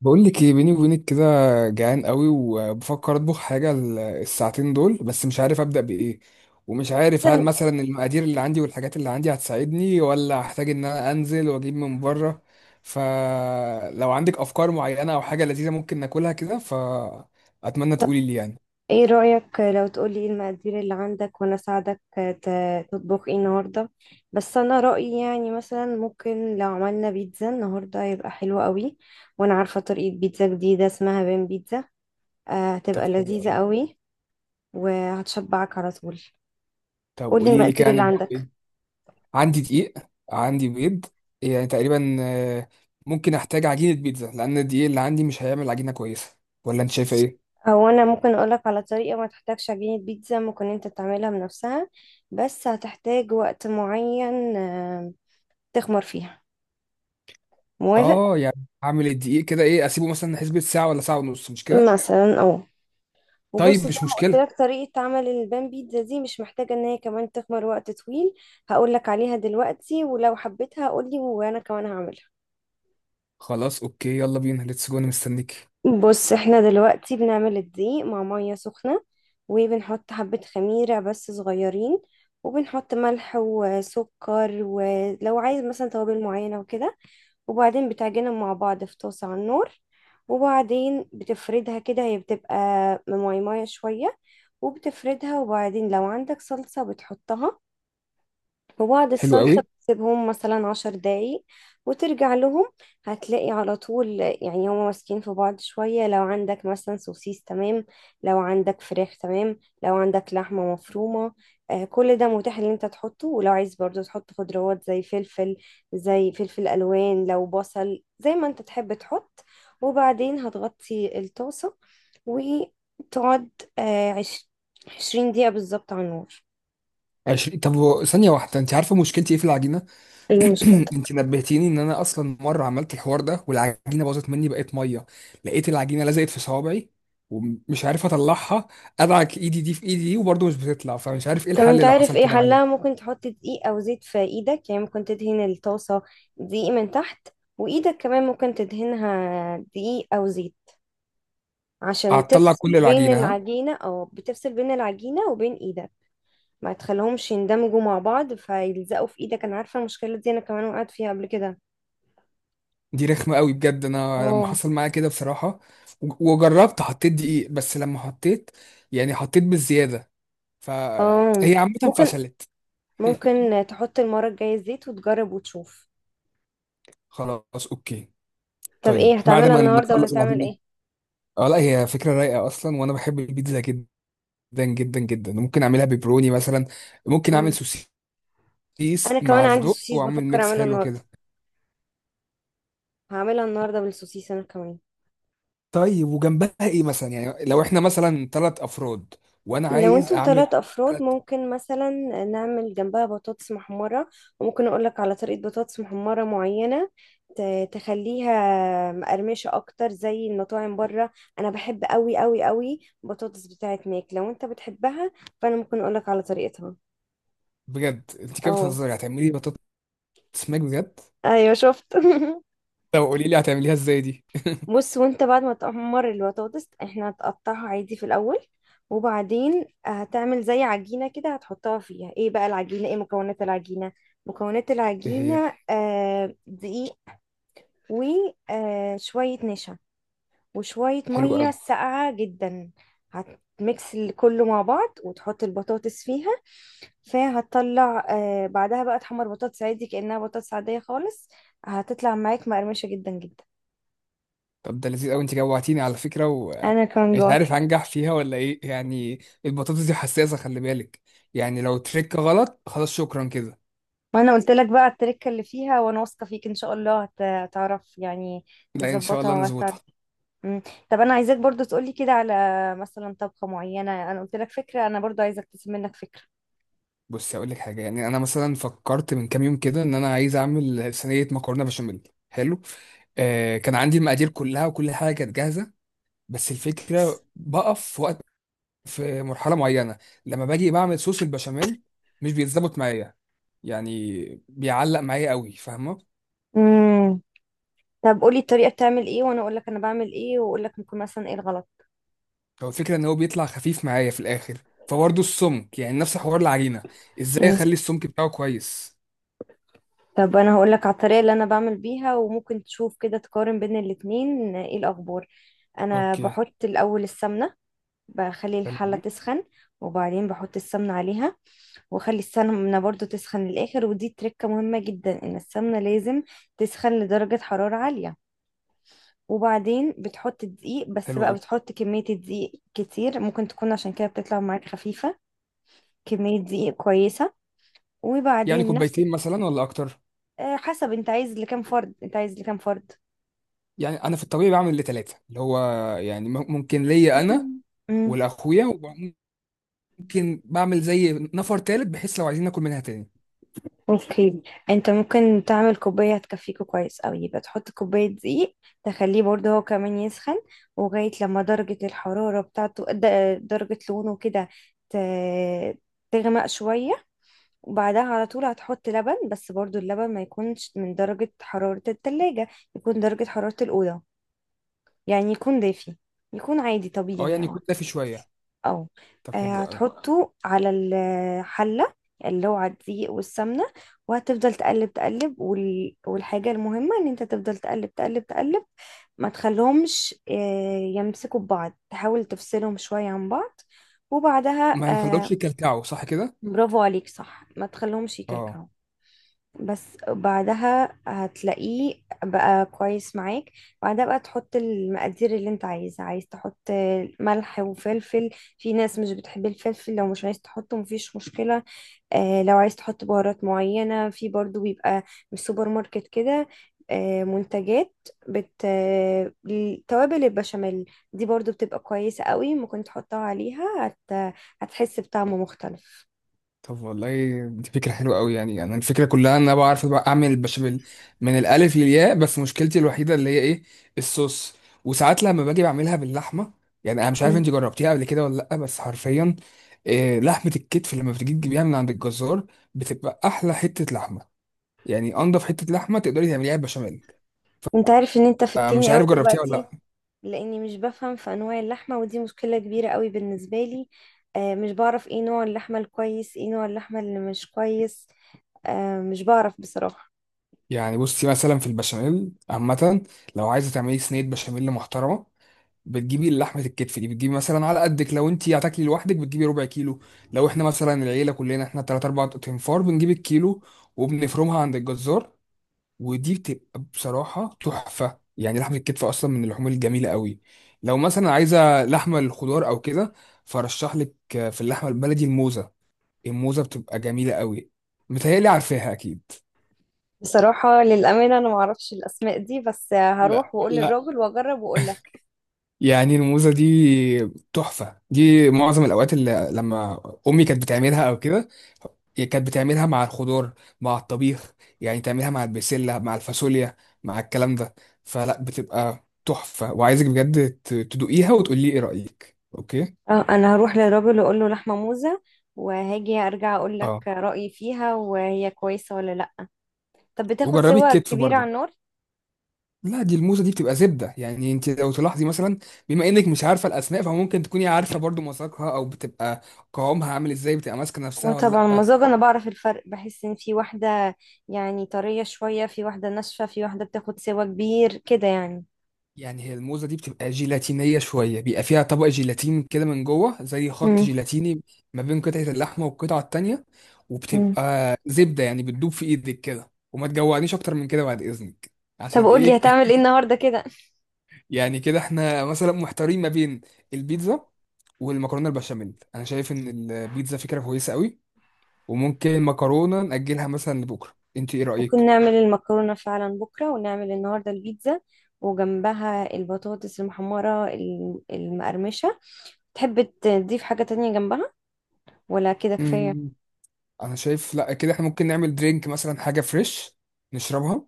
بقول لك ايه بيني وبينك كده. جعان قوي وبفكر اطبخ حاجه الساعتين دول، بس مش عارف ابدا بايه. ومش عارف هل مثلا، مثلا المقادير اللي عندي والحاجات اللي عندي هتساعدني، ولا هحتاج ان انا انزل واجيب من بره. فلو عندك افكار معينه او حاجه لذيذه ممكن ناكلها كده، فاتمنى تقولي لي يعني. ايه رأيك لو تقولي ايه المقادير اللي عندك وانا اساعدك تطبخ ايه النهارده؟ بس انا رأيي يعني مثلا ممكن لو عملنا بيتزا النهارده هيبقى حلو قوي. وانا عارفة طريقة بيتزا جديدة اسمها بين بيتزا. هتبقى طب حلو لذيذة قوي. قوي. وهتشبعك على طول. طب قولي قولي لي المقادير كده اللي هنبدا عندك. بايه؟ عندي دقيق. عندي بيض. يعني تقريبا، ممكن احتاج عجينه بيتزا، لان الدقيق اللي عندي مش هيعمل عجينه كويسه. ولا انت شايفه ايه؟ او انا ممكن اقولك على طريقة ما تحتاجش عجينة بيتزا، ممكن انت تعملها بنفسها. بس هتحتاج وقت معين، تخمر فيها. موافق؟ اه، يعني هعمل الدقيق كده ايه، اسيبه مثلا حسبة ساعة ولا ساعة ونص، مش كده؟ مثلا اه. وبص طيب زي مش ما قلت مشكلة. لك طريقة عمل البان بيتزا دي مش محتاجة ان هي كمان تخمر وقت طويل. هقول لك عليها دلوقتي، ولو حبيتها قول لي وانا كمان هعملها. خلاص، اوكي، يلا بينا ليتس جو، انا مستنيك. بص، احنا دلوقتي بنعمل الدقيق مع مية سخنة. وبنحط حبة خميرة بس صغيرين. وبنحط ملح وسكر، ولو عايز مثلا توابل معينة وكده. وبعدين بتعجنهم مع بعض في طاسة على النار. وبعدين بتفردها كده، هي بتبقى ماي ماي شوية. وبتفردها، وبعدين لو عندك صلصة بتحطها. وبعد حلو قوي. الصلصة بتسيبهم مثلا 10 دقايق. وترجع لهم. هتلاقي على طول يعني هما ماسكين في بعض شوية. لو عندك مثلا سوسيس تمام، لو عندك فراخ تمام، لو عندك لحمة مفرومة. آه، كل ده متاح ان انت تحطه، ولو عايز برضو تحط خضروات زي فلفل، زي فلفل الوان، لو بصل، زي ما انت تحب تحط. وبعدين هتغطي الطاسة وتقعد آه عش- 20 دقيقة بالظبط على النار. 20، طب ثانية واحدة، انت عارفة مشكلتي ايه في العجينة؟ ايه المشكلة؟ انت نبهتيني ان انا اصلا مرة عملت الحوار ده، والعجينة باظت مني، بقت مية. لقيت العجينة لزقت في صوابعي، ومش عارف اطلعها. ادعك ايدي دي في ايدي دي وبرضه مش بتطلع، فمش عارف ايه طب انت الحل لو عارف حصل ايه كده معايا. حلها؟ ممكن تحط دقيق او زيت في ايدك، يعني ممكن تدهن الطاسة دقيق من تحت. وايدك كمان ممكن تدهنها دقيق او زيت، عشان هتطلع تفصل كل بين العجينة، ها؟ العجينة، او بتفصل بين العجينة وبين ايدك. ما تخليهمش يندمجوا مع بعض فيلزقوا في ايدك. انا عارفة المشكلة دي، انا كمان وقعت فيها قبل كده. دي رخمة قوي بجد. انا لما اه. حصل معايا كده بصراحة وجربت حطيت دقيق، بس لما حطيت يعني حطيت بالزيادة، اه، فهي عامة ممكن فشلت. ممكن تحط المرة الجاية الزيت وتجرب وتشوف. خلاص اوكي. طب ايه طيب بعد هتعملها ما النهاردة ولا نخلص هتعمل العجينة، ايه؟ اه لا هي فكرة رايقة اصلا، وانا بحب البيتزا جدا جدا جدا. ممكن اعملها بيبروني مثلا. ممكن اعمل مم. انا سوسيس كمان مع عندي صدق، سوسيس واعمل بفكر ميكس اعمله حلو النهاردة. كده. هعملها النهاردة بالسوسيس أنا كمان. طيب وجنبها ايه مثلا؟ يعني لو احنا مثلا ثلاث افراد، وانا لو عايز انتوا اعمل. 3 أفراد تلات. ممكن مثلا نعمل جنبها بطاطس محمرة. وممكن أقولك على طريقة بطاطس محمرة معينة، تخليها مقرمشة أكتر زي المطاعم بره. أنا بحب أوي أوي أوي بطاطس بتاعت ماك لو انت بتحبها، فأنا ممكن أقولك على طريقتها. بجد انت كده اه. بتهزري، هتعملي اسماك بجد؟ أيوة، شفت طب قولي لي هتعمليها ازاي دي. بص، وانت بعد ما تحمر البطاطس احنا هتقطعها عادي في الاول. وبعدين هتعمل زي عجينه كده، هتحطها فيها. ايه بقى العجينه؟ ايه مكونات العجينه؟ مكونات ايه هي؟ العجينه دقيق، وشويه نشا، وشويه حلو ميه قوي. ساقعه جدا. هتميكس كله مع بعض وتحط البطاطس فيها. فهتطلع، بعدها بقى تحمر بطاطس عادي كأنها بطاطس عادية خالص. هتطلع معاك مقرمشة جدا جدا. طب ده لذيذ قوي، انت جوعتيني على فكره، انا كان ومش جوعت. عارف هنجح فيها ولا ايه يعني. البطاطس دي حساسه، خلي بالك. يعني لو تريك غلط، خلاص شكرا كده. ما انا قلت لك بقى التركه اللي فيها، وانا واثقه فيك ان شاء الله هتعرف يعني. لا، ان شاء تظبطها الله وهتعرف. نظبطها. مم. طب انا عايزاك برضو تقولي كده على مثلا طبخه معينه. انا قلت لك فكره، انا برضو عايزاك تسيب منك فكره. بصي اقول لك حاجه، يعني انا مثلا فكرت من كام يوم كده ان انا عايز اعمل صينيه مكرونه بشاميل حلو. آه كان عندي المقادير كلها، وكل حاجه كانت جاهزه. بس الفكره بقف في وقت، في مرحله معينه، لما باجي بعمل صوص البشاميل مش بيتظبط معايا. يعني بيعلق معايا قوي، فاهمه؟ امم. طب قولي الطريقه بتعمل ايه وانا اقول لك انا بعمل ايه، واقول لك ممكن مثلا ايه الغلط. هو الفكره ان هو بيطلع خفيف معايا في الاخر. فبرضه السمك، يعني نفس حوار العجينه، ازاي مم. اخلي السمك بتاعه كويس. طب انا هقول لك على الطريقه اللي انا بعمل بيها، وممكن تشوف كده تقارن بين الاتنين ايه الاخبار. انا اوكي. بحط الاول السمنه. بخلي حلو. الحله مم. تسخن. وبعدين بحط السمنه عليها، واخلي السمنة برضو تسخن للآخر. ودي تركة مهمة جدا ان السمنة لازم تسخن لدرجة حرارة عالية. وبعدين بتحط دقيق بس حلو بقى، قوي. بتحط كمية الدقيق كتير ممكن تكون عشان كده بتطلع معاك خفيفة. كمية دقيق كويسة. يعني وبعدين نفسك كوبايتين مثلا ولا اكتر؟ حسب انت عايز لكام فرد، انت عايز لكام فرد؟ يعني انا في الطبيعي بعمل لثلاثه، اللي هو يعني ممكن ليا انا مم. مم. والاخويا، وممكن بعمل زي نفر تالت، بحيث لو عايزين ناكل منها تاني. اوكي. انت ممكن تعمل كوباية هتكفيكوا كويس اوي، يبقى تحط كوباية دقيق. تخليه برضه هو كمان يسخن. وغاية لما درجة الحرارة بتاعته درجة لونه كده ت- تغمق شوية. وبعدها على طول هتحط لبن، بس برضه اللبن ما يكونش من درجة حرارة التلاجة، يكون درجة حرارة الأوضة، يعني يكون دافي، يكون عادي اه، طبيعي يعني يعني. يكون دافي شويه. اه. طب حلو قوي. هتحطه على الحلة اللي هو على الدقيق والسمنة. وهتفضل تقلب تقلب، والحاجة المهمة ان انت تفضل تقلب تقلب تقلب. ما تخليهمش يمسكوا ببعض، تحاول تفصلهم شوية عن بعض. وبعدها ما آه، نخلوش يكلكعوا، صح كده؟ برافو عليك، صح، ما تخليهمش اه. يكلكعوا. بس بعدها هتلاقيه بقى كويس معاك. بعدها بقى تحط المقادير اللي انت عايزها. عايز تحط ملح وفلفل. في ناس مش بتحب الفلفل، لو مش عايز تحطه مفيش مشكلة. آه، لو عايز تحط بهارات معينة، في برضو بيبقى من السوبر ماركت كده، آه، منتجات بت آه، توابل البشاميل دي برضو بتبقى كويسة قوي ممكن تحطها عليها. هتحس بطعم مختلف. طب والله دي فكره حلوه قوي. يعني انا الفكره كلها ان انا بعرف بقى اعمل البشاميل من الالف للياء، بس مشكلتي الوحيده اللي هي ايه، الصوص. وساعات لما باجي بعملها باللحمه، يعني انا مش عارف مم. انت جربتيها قبل كده ولا لا، بس حرفيا إيه لحمه الكتف لما بتجي تجيبيها من عند الجزار، بتبقى احلى حته لحمه. يعني انضف حته لحمه تقدري تعمليها بشاميل. انت عارف ان انت في مش التاني قوي عارف جربتيها ولا دلوقتي؟ لا. لاني مش بفهم في انواع اللحمه، ودي مشكله كبيره قوي بالنسبه لي. آه، مش بعرف ايه نوع اللحمه الكويس، ايه نوع اللحمه اللي مش كويس. آه، مش بعرف بصراحه. يعني بصي مثلا في البشاميل عامه، لو عايزه تعملي صينيه بشاميل محترمه، بتجيبي لحمه الكتف دي. بتجيبي مثلا على قدك، لو انت هتاكلي لوحدك بتجيبي ربع كيلو. لو احنا مثلا العيله كلنا احنا تلات اربع تنفار، بنجيب الكيلو، وبنفرمها عند الجزار. ودي بتبقى بصراحه تحفه. يعني لحمه الكتف اصلا من اللحوم الجميله قوي. لو مثلا عايزه لحمه الخضار او كده، فرشح لك في اللحمه البلدي الموزه. الموزه بتبقى جميله قوي، متهيألي عارفاها اكيد. بصراحه، للامانه، انا ما اعرفش الاسماء دي، بس لا هروح واقول لا، للراجل واجرب واقول لك. يعني الموزة دي تحفة. دي معظم الأوقات اللي لما أمي كانت بتعملها أو كده، هي كانت بتعملها مع الخضار، مع الطبيخ. يعني تعملها مع البسلة مع الفاصوليا مع الكلام ده. فلا بتبقى تحفة، وعايزك بجد تدوقيها وتقولي لي ايه رأيك، اوكي؟ اه، انا هروح للراجل واقول له لحمه موزه، وهاجي ارجع اقول لك اه. رايي فيها، وهي كويسه ولا لا. طب بتاخد وجربي سوا الكتف كبيره على برضه. النار. لا، دي الموزة دي بتبقى زبدة. يعني انت لو تلاحظي مثلا، بما انك مش عارفة الاسماء، فممكن تكوني عارفة برضه مذاقها، او بتبقى قوامها عامل ازاي، بتبقى ماسكة نفسها وطبعا ولا لا. المزاج، انا بعرف الفرق، بحس ان في واحدة يعني طرية شوية، في واحدة ناشفة، في واحدة بتاخد سوا كبير كده يعني. يعني هي الموزة دي بتبقى جيلاتينية شوية. بيبقى فيها طبق جيلاتين كده من جوه، زي خط امم. جيلاتيني ما بين قطعة اللحمة والقطعة التانية. امم. وبتبقى زبدة يعني بتدوب في ايدك كده. وما تجوعنيش اكتر من كده بعد اذنك. طب عشان قولي ايه؟ هتعمل ايه النهاردة كده؟ يعني كده احنا مثلا محتارين ما بين البيتزا والمكرونة البشاميل. انا شايف ان البيتزا فكرة كويسة قوي، وممكن المكرونة نأجلها مثلا لبكرة. انت ايه ممكن رأيك؟ نعمل المكرونة فعلا بكرة، ونعمل النهاردة البيتزا وجنبها البطاطس المحمرة المقرمشة. تحب تضيف حاجة تانية جنبها، ولا كده كفاية؟ مم، انا شايف لا كده احنا ممكن نعمل درينك، مثلا حاجة فريش نشربها.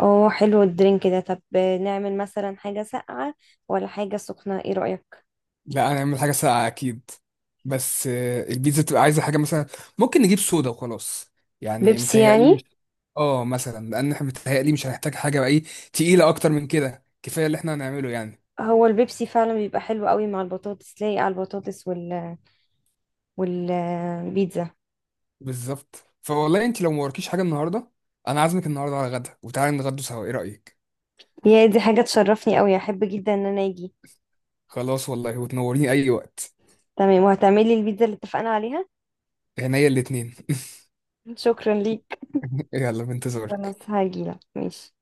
اه، حلو الدرينك ده. طب نعمل مثلا حاجة ساقعة ولا حاجة سخنة، ايه رأيك؟ لا، هنعمل حاجة ساقعة أكيد. بس البيتزا تبقى عايزة حاجة مثلا. ممكن نجيب صودا وخلاص. يعني بيبسي متهيألي يعني؟ مش. اه، مثلا، لأن احنا متهيألي مش هنحتاج حاجة بقى ايه تقيلة أكتر من كده، كفاية اللي احنا هنعمله يعني. هو البيبسي فعلا بيبقى حلو قوي مع البطاطس، لايق على البطاطس والبيتزا. بالظبط. فوالله انت لو موركيش حاجة النهاردة، أنا عازمك النهاردة على غدا، وتعالى نتغدوا سوا، ايه رأيك؟ يا دي حاجة تشرفني قوي، احب جدا ان انا اجي. خلاص والله، وتنوريني أي وقت. تمام، وهتعملي البيتزا اللي اتفقنا عليها. عينيا الاتنين. شكرا ليك. يلا خلاص، بنتظرك. هاجيلك، ماشي.